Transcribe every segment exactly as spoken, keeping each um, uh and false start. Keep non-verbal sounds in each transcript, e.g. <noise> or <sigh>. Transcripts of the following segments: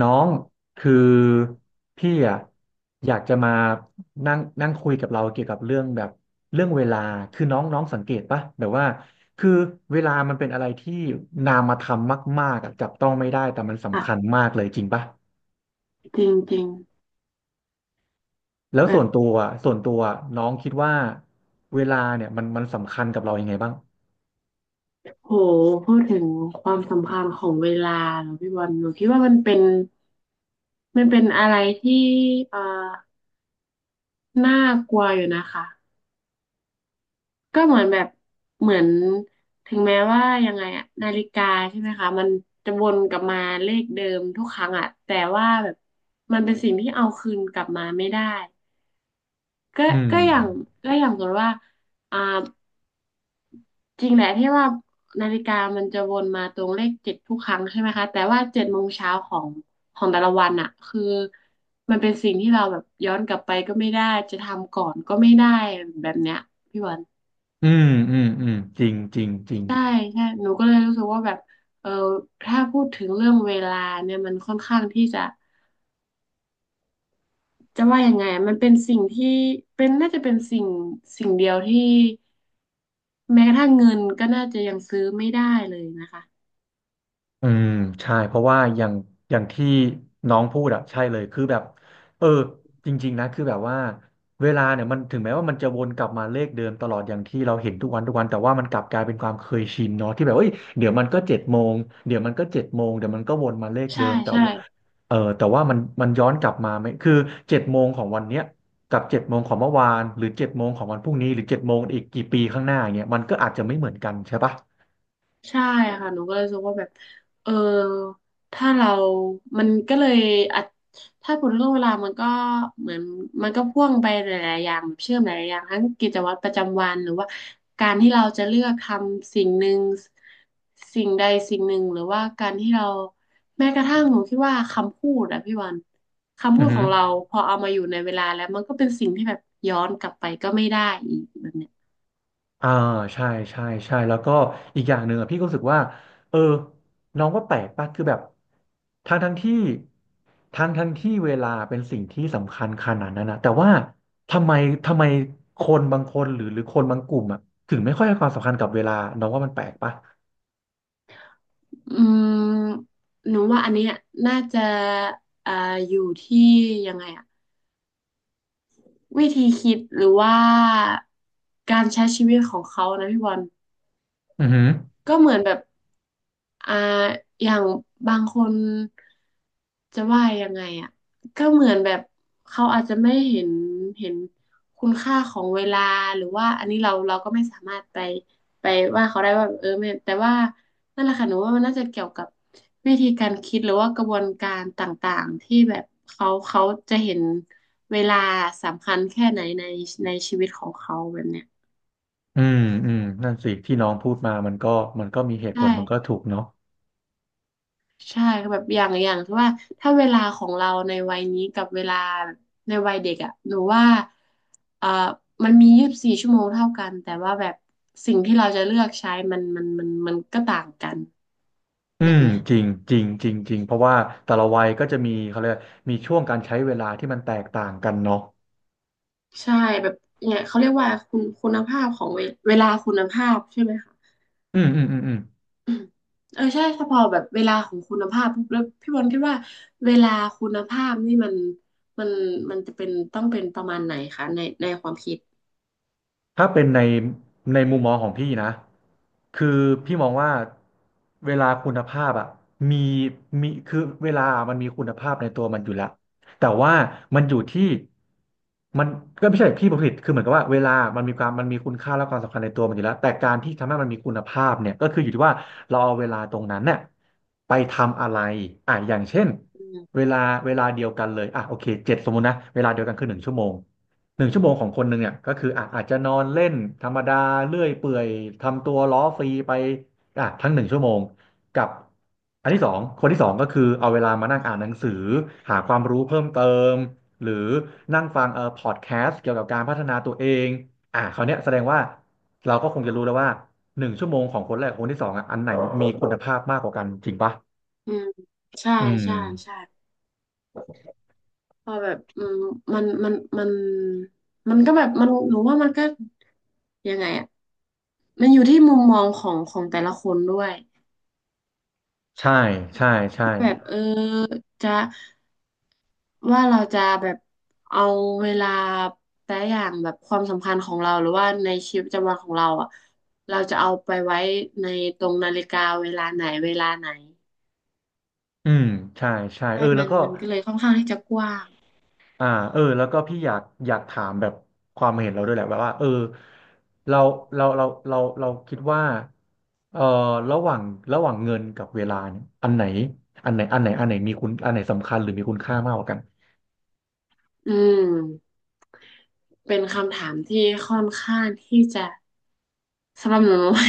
น้องคือพี่อ่ะอยากจะมานั่งนั่งคุยกับเราเกี่ยวกับเรื่องแบบเรื่องเวลาคือน้องน้องสังเกตปะแบบว่าคือเวลามันเป็นอะไรที่นามธรรมมากๆอะจับต้องไม่ได้แต่มันอ่ะสำคัญมากเลยจริงปะจริงจริงแล้วแบส่วนตับวอะส่วนตัวน้องคิดว่าเวลาเนี่ยมันมันสำคัญกับเรายังไงบ้างโหพูดถึงความสำคัญของเวลาเนอะพี่บอลหนูคิดว่ามันเป็นมันเป็นอะไรที่เอ่อน่ากลัวอยู่นะคะก็เหมือนแบบเหมือนถึงแม้ว่ายังไงอะนาฬิกาใช่ไหมคะมันจะวนกลับมาเลขเดิมทุกครั้งอะแต่ว่าแบบมันเป็นสิ่งที่เอาคืนกลับมาไม่ได้ก็อืมก็อย่างก็อย่างสมมติว่าอ่า จริงแหละที่ว่านาฬิกามันจะวนมาตรงเลขเจ็ดทุกครั้งใช่ไหมคะแต่ว่าเจ็ดโมงเช้าของของแต่ละวันอะคือมันเป็นสิ่งที่เราแบบย้อนกลับไปก็ไม่ได้จะทำก่อนก็ไม่ได้แบบเนี้ยพี่บอลอืมอืมอืมจริงจริงจริง ใช่ใช่หนูก็เลยรู้สึกว่าแบบเออถ้าพูดถึงเรื่องเวลาเนี่ยมันค่อนข้างที่จะจะว่ายังไงมันเป็นสิ่งที่เป็นน่าจะเป็นสิ่งสิ่งเดียวที่แม้กระทั่งเงินก็น่าจะยังซื้อไม่ได้เลยนะคะอืมใช่เพราะว่าอย่างอย่างที่น้องพูดอะใช่เลยคือแบบเออจริงๆนะคือแบบว่าเวลาเนี่ยมันถึงแม้ว่ามันจะวนกลับมาเลขเดิมตลอดอย่างที่เราเห็นทุกวันทุกวันแต่ว่ามันกลับกลายเป็นความเคยชินเนาะที่แบบเอ้ยเดี๋ยวมันก็เจ็ดโมงเดี๋ยวมันก็เจ็ดโมงเดี๋ยวมันก็วนมาเลขใช่เดิมแต่ใช่ ว่าเออแต่ว่ามันมันย้อนกลับมาไหมคือเจ็ดโมงของวันเนี้ยกับเจ็ดโมงของเมื่อวานหรือเจ็ดโมงของวันพรุ่งนี้หรือเจ็ดโมงอีกกี่ปีข้างหน้าอย่างเงี้ยมันก็อาจจะไม่เหมือนกันใช่ปะใช่ค่ะหนูก็เลยรู้สึกว่าแบบเออถ้าเรามันก็เลยอาจถ้าผล็เรื่องเวลามันก็เหมือนมันก็พ่วงไปหลายๆอย่างแบบเชื่อมหลายๆอย่างทั้งกิจวัตรประจำวันหรือว่าการที่เราจะเลือกทำสิ่งหนึ่งสิ่งใดสิ่งหนึ่งหรือว่าการที่เราแม้กระทั่งหนูคิดว่าคำพูดอะพี่วันคำอืพูอดขฮึ องเราพอเอามาอยู่ในเวลาแล้วมันก็เป็นสิ่งที่แบบย้อนกลับไปก็ไม่ได้อีกแบบเนี้ย อ่าใช่ใช่ใช่แล้วก็อีกอย่างหนึ่งอะพี่ก็รู้สึกว่าเออน้องว่าแปลกป่ะคือแบบทั้งทั้งที่ทั้งทั้งที่เวลาเป็นสิ่งที่สำคัญขนาดนั้นนะแต่ว่าทำไมทำไมคนบางคนหรือหรือคนบางกลุ่มอ่ะถึงไม่ค่อยให้ความสำคัญกับเวลาน้องว่ามันแปลกป่ะอืมหนูว่าอันเนี้ยน่าจะเอ่ออยู่ที่ยังไงอะวิธีคิดหรือว่าการใช้ชีวิตของเขานะพี่บอล อือหือก็เหมือนแบบอ่าอย่างบางคนจะว่ายังไงอ่ะก็เหมือนแบบเขาอาจจะไม่เห็นเห็นคุณค่าของเวลาหรือว่าอันนี้เราเราก็ไม่สามารถไปไปว่าเขาได้ว่าเออไม่แต่ว่านั่นแหละค่ะหนูว่ามันน่าจะเกี่ยวกับวิธีการคิดหรือว่ากระบวนการต่างๆที่แบบเขาเขาจะเห็นเวลาสำคัญแค่ไหนในในชีวิตของเขาแบบเนี้ยอืมอืมนั่นสิที่น้องพูดมามันก็มันก็มีเหใตุผลมันก็ช่ ถูกเนาะใช่ก็แบบอย่างอย่างที่ว่าถ้าเวลาของเราในวัยนี้กับเวลาในวัยเด็กอ่ะหนูว่าเอ่อมันมียี่สิบสี่ชั่วโมงเท่ากันแต่ว่าแบบสิ่งที่เราจะเลือกใช้มันมันมันมันก็ต่างกันอืแบบมเนี้ยจริงจริงจริงจริงเพรางเพราะว่าแต่ละวัยก็จะมีเขาเรียกมีช่วงการใช้เวลาที่มันแตกต่างกันเนาะ ใช่แบบเนี่ยเขาเรียกว่าคุณคุณภาพของเวเวลาคุณภาพใช่ไหมคะอืมอืมอืมอืมอืมเออใช่ถ้าพอแบบเวลาของคุณภาพปุ๊บแล้วพี่บอลคิดว่าเวลาคุณภาพนี่มันมันมันจะเป็นต้องเป็นประมาณไหนคะในในความคิดถ้าเป็นในในมุมมองของพี่นะคือพี่มองว่าเวลาคุณภาพอะมีมีคือเวลามันมีคุณภาพในตัวมันอยู่แล้วแต่ว่ามันอยู่ที่มันก็ไม่ใช่พี่ผลิตคือเหมือนกับว่าเวลามันมีความมันมีคุณค่าและความสำคัญในตัวมันอยู่แล้วแต่การที่ทำให้มันมีคุณภาพเนี่ยก็คืออยู่ที่ว่าเราเอาเวลาตรงนั้นเนี่ยไปทำอะไรอ่ะอย่างเช่นอืม เวลาเวลาเดียวกันเลยอ่ะโอเคเจ็ดสมมตินะเวลาเดียวกันคือหนึ่งชั่วโมง หนึ่งชั่วโมงของคนหนึ่งเนี่ยก็คืออ่ะอาจจะนอนเล่นธรรมดาเลื่อยเปื่อยทำตัวล้อฟรีไปอ่ะทั้งหนึ่งชั่วโมงกับอันที่สองค่ะคนที่สองก็คือเอาเวลามานั่งอ่านหนังสือหาความรู้เพิ่มเติมหรือนั่งฟังเอ่อพอดแคสต์เกี่ยวกับการพัฒนาตัวเองอ่ะคราวเนี้ยแสดงว่าเราก็คงจะรู้แล้วว่าหนึ่งชั่วโมงของคนแรกกับคนที่สองอ่ะอันไหนมีคุณภาพมากกว่ากันจริงปะอืมใช่อืใช่ใช่มพอแบบอืมมันมันมันมันก็แบบมันหนูว่ามันก็ยังไงอ่ะมันอยู่ที่มุมมองของของแต่ละคนด้วยใช่ใช่ใช่แบบเออจะว่าเราจะแบบเอาเวลาแต่อย่างแบบความสำคัญของเรา หรือว่าในชีวิตประจำวันของเราอ่ะเราจะเอาไปไว้ในตรงนาฬิกาเวลาไหนเวลาไหนอืมใช่ใช่ใช่เออแล้มัวนก็ มันก็เลยค่อนข้างที่จะกว้างอ่าเออแล้วก็พี่อยากอยากถามแบบความเห็นเราด้วยแหละแบบว่าเออเราเราเราเราเราคิดว่าเออระหว่างระหว่างเงินกับเวลาเนี่ยอันไหนอันไหนอันไหนอันไหนมีคุณอันไหนสำคัญหรือมีคุณค่ามากกว่ากันอืม เป็นคำถามที่ค่อนข้างที่จะสำหรับหนู <laughs> หนูว่า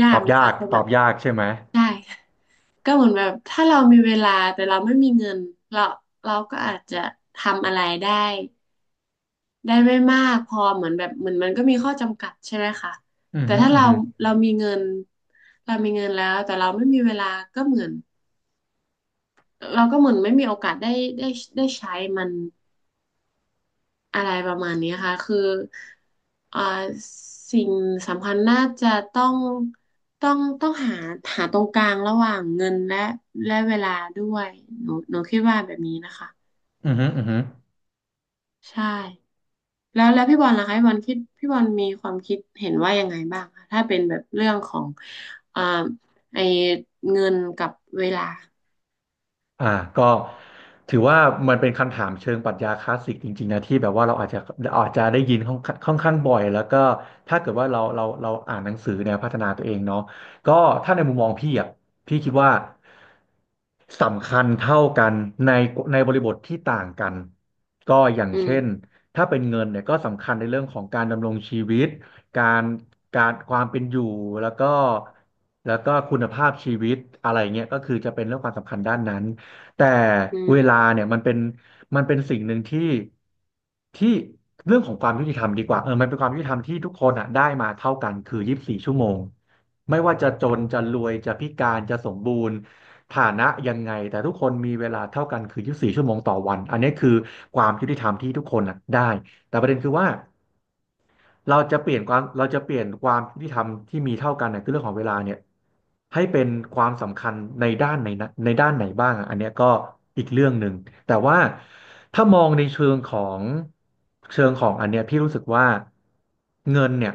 ยาตกอบนะยาคะกเพตแบอบบยากใช่ไหมใช่ก็เหมือนแบบถ้าเรามีเวลาแต่เราไม่มีเงินเราเราก็อาจจะทำอะไรได้ได้ไม่มากพอเหมือนแบบเหมือนมันก็มีข้อจำกัดใช่ไหมคะอือแต่ฮึถ้าอือเราฮึเรามีเงินเรามีเงินแล้วแต่เราไม่มีเวลาก็เหมือนเราก็เหมือนไม่มีโอกาสได้ได้ได้ใช้มัน อะไรประมาณนี้ค่ะ คือเอ่าสิ่งสำคัญน่าจะต้อง ต้องต้องหาหาตรงกลางระหว่างเงินและและเวลาด้วยหนูหนูคิดว่าแบบนี้นะคะ อือฮึอือฮึ ใช่ แล้วแล้วพี่บอลล่ะคะพี่บอลคิดพี่บอลมีความคิดเห็นว่ายังไงบ้างคะถ้าเป็นแบบเรื่องของเอ่าไอเงินกับเวลาอ่าก็ถือว่ามันเป็นคำถามเชิงปรัชญาคลาสสิกจริงๆนะที่แบบว่าเราอาจจะอาจจะได้ยินค่อนค่อนข้างบ่อยแล้วก็ถ้าเกิดว่าเราเราเราอ่านหนังสือแนวพัฒนาตัวเองเนาะก็ถ้าในมุมมองพี่อ่ะพี่คิดว่าสำคัญเท่ากันในในบริบทที่ต่างกันก็อย่างอืมเช่นถ้าเป็นเงินเนี่ยก็สำคัญในเรื่องของการดำรงชีวิตการการความเป็นอยู่แล้วก็แล้วก็คุณภาพชีวิตอะไรเงี้ยก็คือจะเป็นเรื่องความสำคัญด้านนั้น แต่อืมเวลาเนี่ยมันเป็นมันเป็นสิ่งหนึ่งที่ที่เรื่องของความยุติธรรมดีกว่าเออมันเป็นความยุติธรรมที่ทุกคนอ่ะได้มาเท่ากันคือยี่สิบสี่ชั่วโมงไม่ว่าจะจนจะรวยจะพิการจะสมบูรณ์ฐานะยังไงแต่ทุกคนมีเวลาเท่ากันคือยีสี่ชั่วโมงต่อวันอันนี้คือความยุติธรรมที่ทุกคนอ่ะได้แต่ประเด็นคือว่า เราจะเปลี่ยนความเราจะเปลี่ยนความยุติธรรมที่มีเท่ากันเนี่ยคือเรื่องของเวลาเนี่ยให้เป็นความสำคัญในด้านไหนนะในด้านไหนบ้างอะอันเนี้ยก็อีกเรื่องหนึ่งแต่ว่าถ้ามองในเชิงของเชิงของอันเนี้ยพี่รู้สึกว่าเงินเนี่ย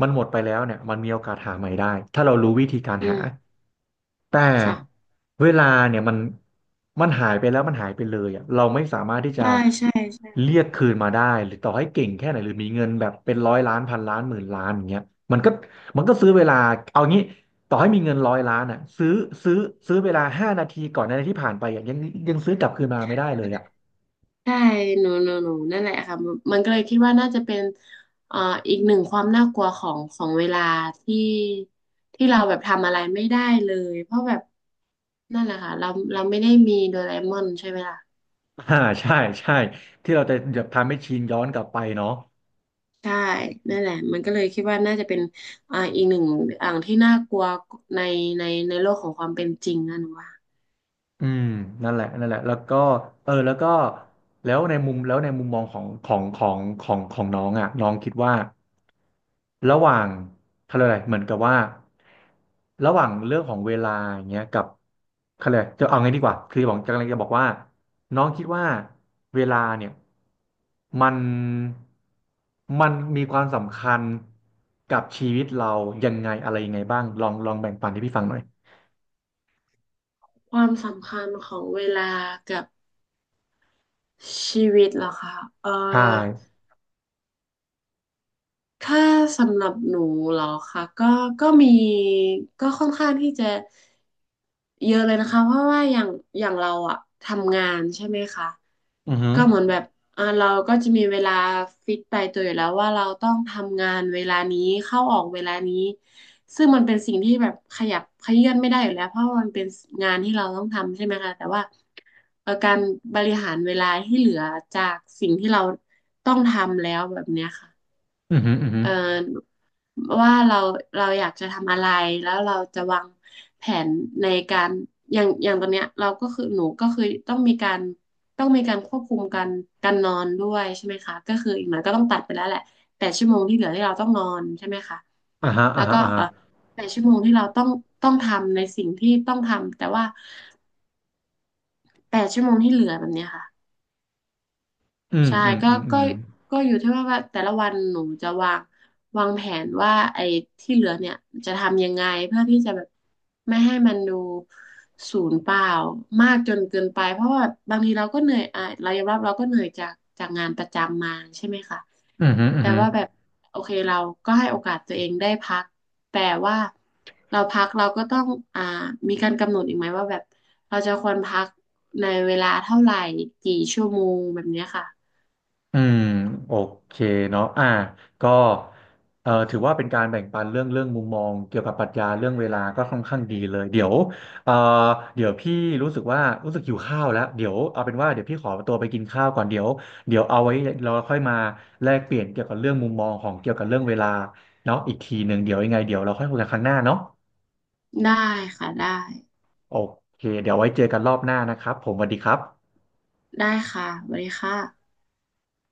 มันหมดไปแล้วเนี่ยมันมีโอกาสหาใหม่ได้ถ้าเรารู้วิธีการอืหา มแต่ค่ะ เวลาเนี่ยมันมันหายไปแล้วมันหายไปเลยอ่ะเราไม่สามารถที่จะใช่ใช่ เรียกคืนมาได้หรือต่อให้เก่งแค่ไหนหรือมีเงินแบบเป็นร้อยล้านพันล้านหมื่นล้านอย่างเงี้ยมันก็มันก็ซื้อเวลาเอางี้ต่อให้มีเงินร้อยล้านอ่ะซื้อซื้อซื้อเวลาห้านาทีก่อนหนาทีที่ผ่านไปอ่ะยังยังซื้อกลับคืนมาไม่ได้เลยอ่ะ ใช่หนูหนูหนูนั่นแหละค่ะมันมันก็เลยคิดว่าน่าจะเป็นเอ่ออีกหนึ่งความน่ากลัวของของเวลาที่ที่เราแบบทำอะไรไม่ได้เลย เพราะแบบนั่นแหละค่ะเราเราไม่ได้มีโดราเอมอนใช่ไหมล่ะ <laughs> อ่าใช่ใช่ที่เราจะแบบทำให้ชินย้อนกลับไปเนาะ ใช่ นั่นแหละมันก็เลยคิดว่าน่าจะเป็นอ่าอีกหนึ่งอ่างที่น่ากลัวในในในโลกของความเป็นจริงนะหนูว่าอืมนั่นแหละนั่นแหละแล้วก็เออแล้วก็แล้วในมุมแล้วในมุมมองของของของของของน้องอ่ะน้องคิดว่าระหว่างเขาเรียกอะไรเหมือนกับว่าระหว่างเรื่องของเวลาอย่างเงี้ยกับเขาเรียกอะไรจะเอาไงดีกว่าคือบอกจะกำลังจะบอกว่าน้องคิดว่าเวลาเนี่ยมันมันมีความสำคัญกับชีวิตเรายังไงอะไรยังไงบ้างลองลองแบ่งปันให้พี่ฟังหน่อยความสำคัญของเวลากับชีวิตเหรอคะเอ่ใช่อ ถ้าสำหรับหนูเหรอคะก็ก็มีก็ค่อนข้างที่จะเยอะเลยนะคะเพราะว่าอย่างอย่างเราอะทำงานใช่ไหมคะอือหือก็เหมือนแบบอ่าเราก็จะมีเวลาฟิกตายตัวอยู่แล้วว่าเราต้องทำงานเวลานี้เข้าออกเวลานี้ซึ่งมันเป็นสิ่งที่แบบขยับขยื่นไม่ได้อยู่แล้วเพราะว่ามันเป็นงานที่เราต้องทำใช่ไหมคะแต่ว่าเอ่อการบริหารเวลาที่เหลือจากสิ่งที่เราต้องทำแล้วแบบเนี้ยค่ะ อือหืออือหือ เอ่อว่าเราเราอยากจะทำอะไรแล้วเราจะวางแผนในการอย่างอย่างตอนเนี้ยเราก็คือหนูก็คือต้องมีการต้องมีการควบคุมการการนอนด้วยใช่ไหมคะก็คืออีกหน่อยก็ต้องตัดไปแล้วแหละแปดชั่วโมงที่เหลือที่เราต้องนอนใช่ไหมคะอ่าฮะแล้อ่าวฮะก็อ่าเอ่อฮะแปดชั่วโมงที่เราต้องต้องทำในสิ่งที่ต้องทำแต่ว่าแปดชั่วโมงที่เหลือแบบเนี้ยค่ะ อืมใช่อืมก็อืมอืก็มก็อยู่ที่ว่าว่าแต่ละวันหนูจะวางวางแผนว่าไอ้ที่เหลือเนี่ยจะทำยังไงเพื่อที่จะแบบไม่ให้มันดูศูนย์เปล่ามากจนเกินไปเพราะว่าบางทีเราก็เหนื่อยอ่ะเรายอมรับเราก็เหนื่อยจากจากงานประจำมาใช่ไหมคะอืมอืมอืแต่มว่าแบบโอเคเราก็ให้โอกาสตัวเองได้พักแต่ว่าเราพักเราก็ต้องอ่ามีการกำหนดอีกไหมว่าแบบเราจะควรพักในเวลาเท่าไหร่กี่ชั่วโมงแบบเนี้ยค่ะ อืมโอเคเนาะอ่าก็เอ่อถือว่าเป็นการแบ่งปันเรื่องเรื่องมุมมองเกี่ยวกับปรัชญาเรื่องเวลาก็ค่อนข้างดีเลยเดี๋ยวเอ่อเดี๋ยวพี่รู้สึกว่ารู้สึกหิวข้าวแล้วเดี๋ยวเอาเป็นว่าเดี๋ยวพี่ขอตัวไปกินข้าวก่อนเดี๋ยวเดี๋ยวเอาไว้เราค่อยมาแลกเปลี่ยนเกี่ยวกับเรื่องมุมมองของเกี่ยวกับเรื่องเวลาเนาะอีกทีหนึ่งเดี๋ยวยังไงเดี๋ยวเราค่อยคุยกันครั้งหน้าเนาะได้ค่ะได้โอเคเดี๋ยวไว้เจอกันรอบหน้านะครับผมสวัสดีครับได้ค่ะสวัสดีค่ะ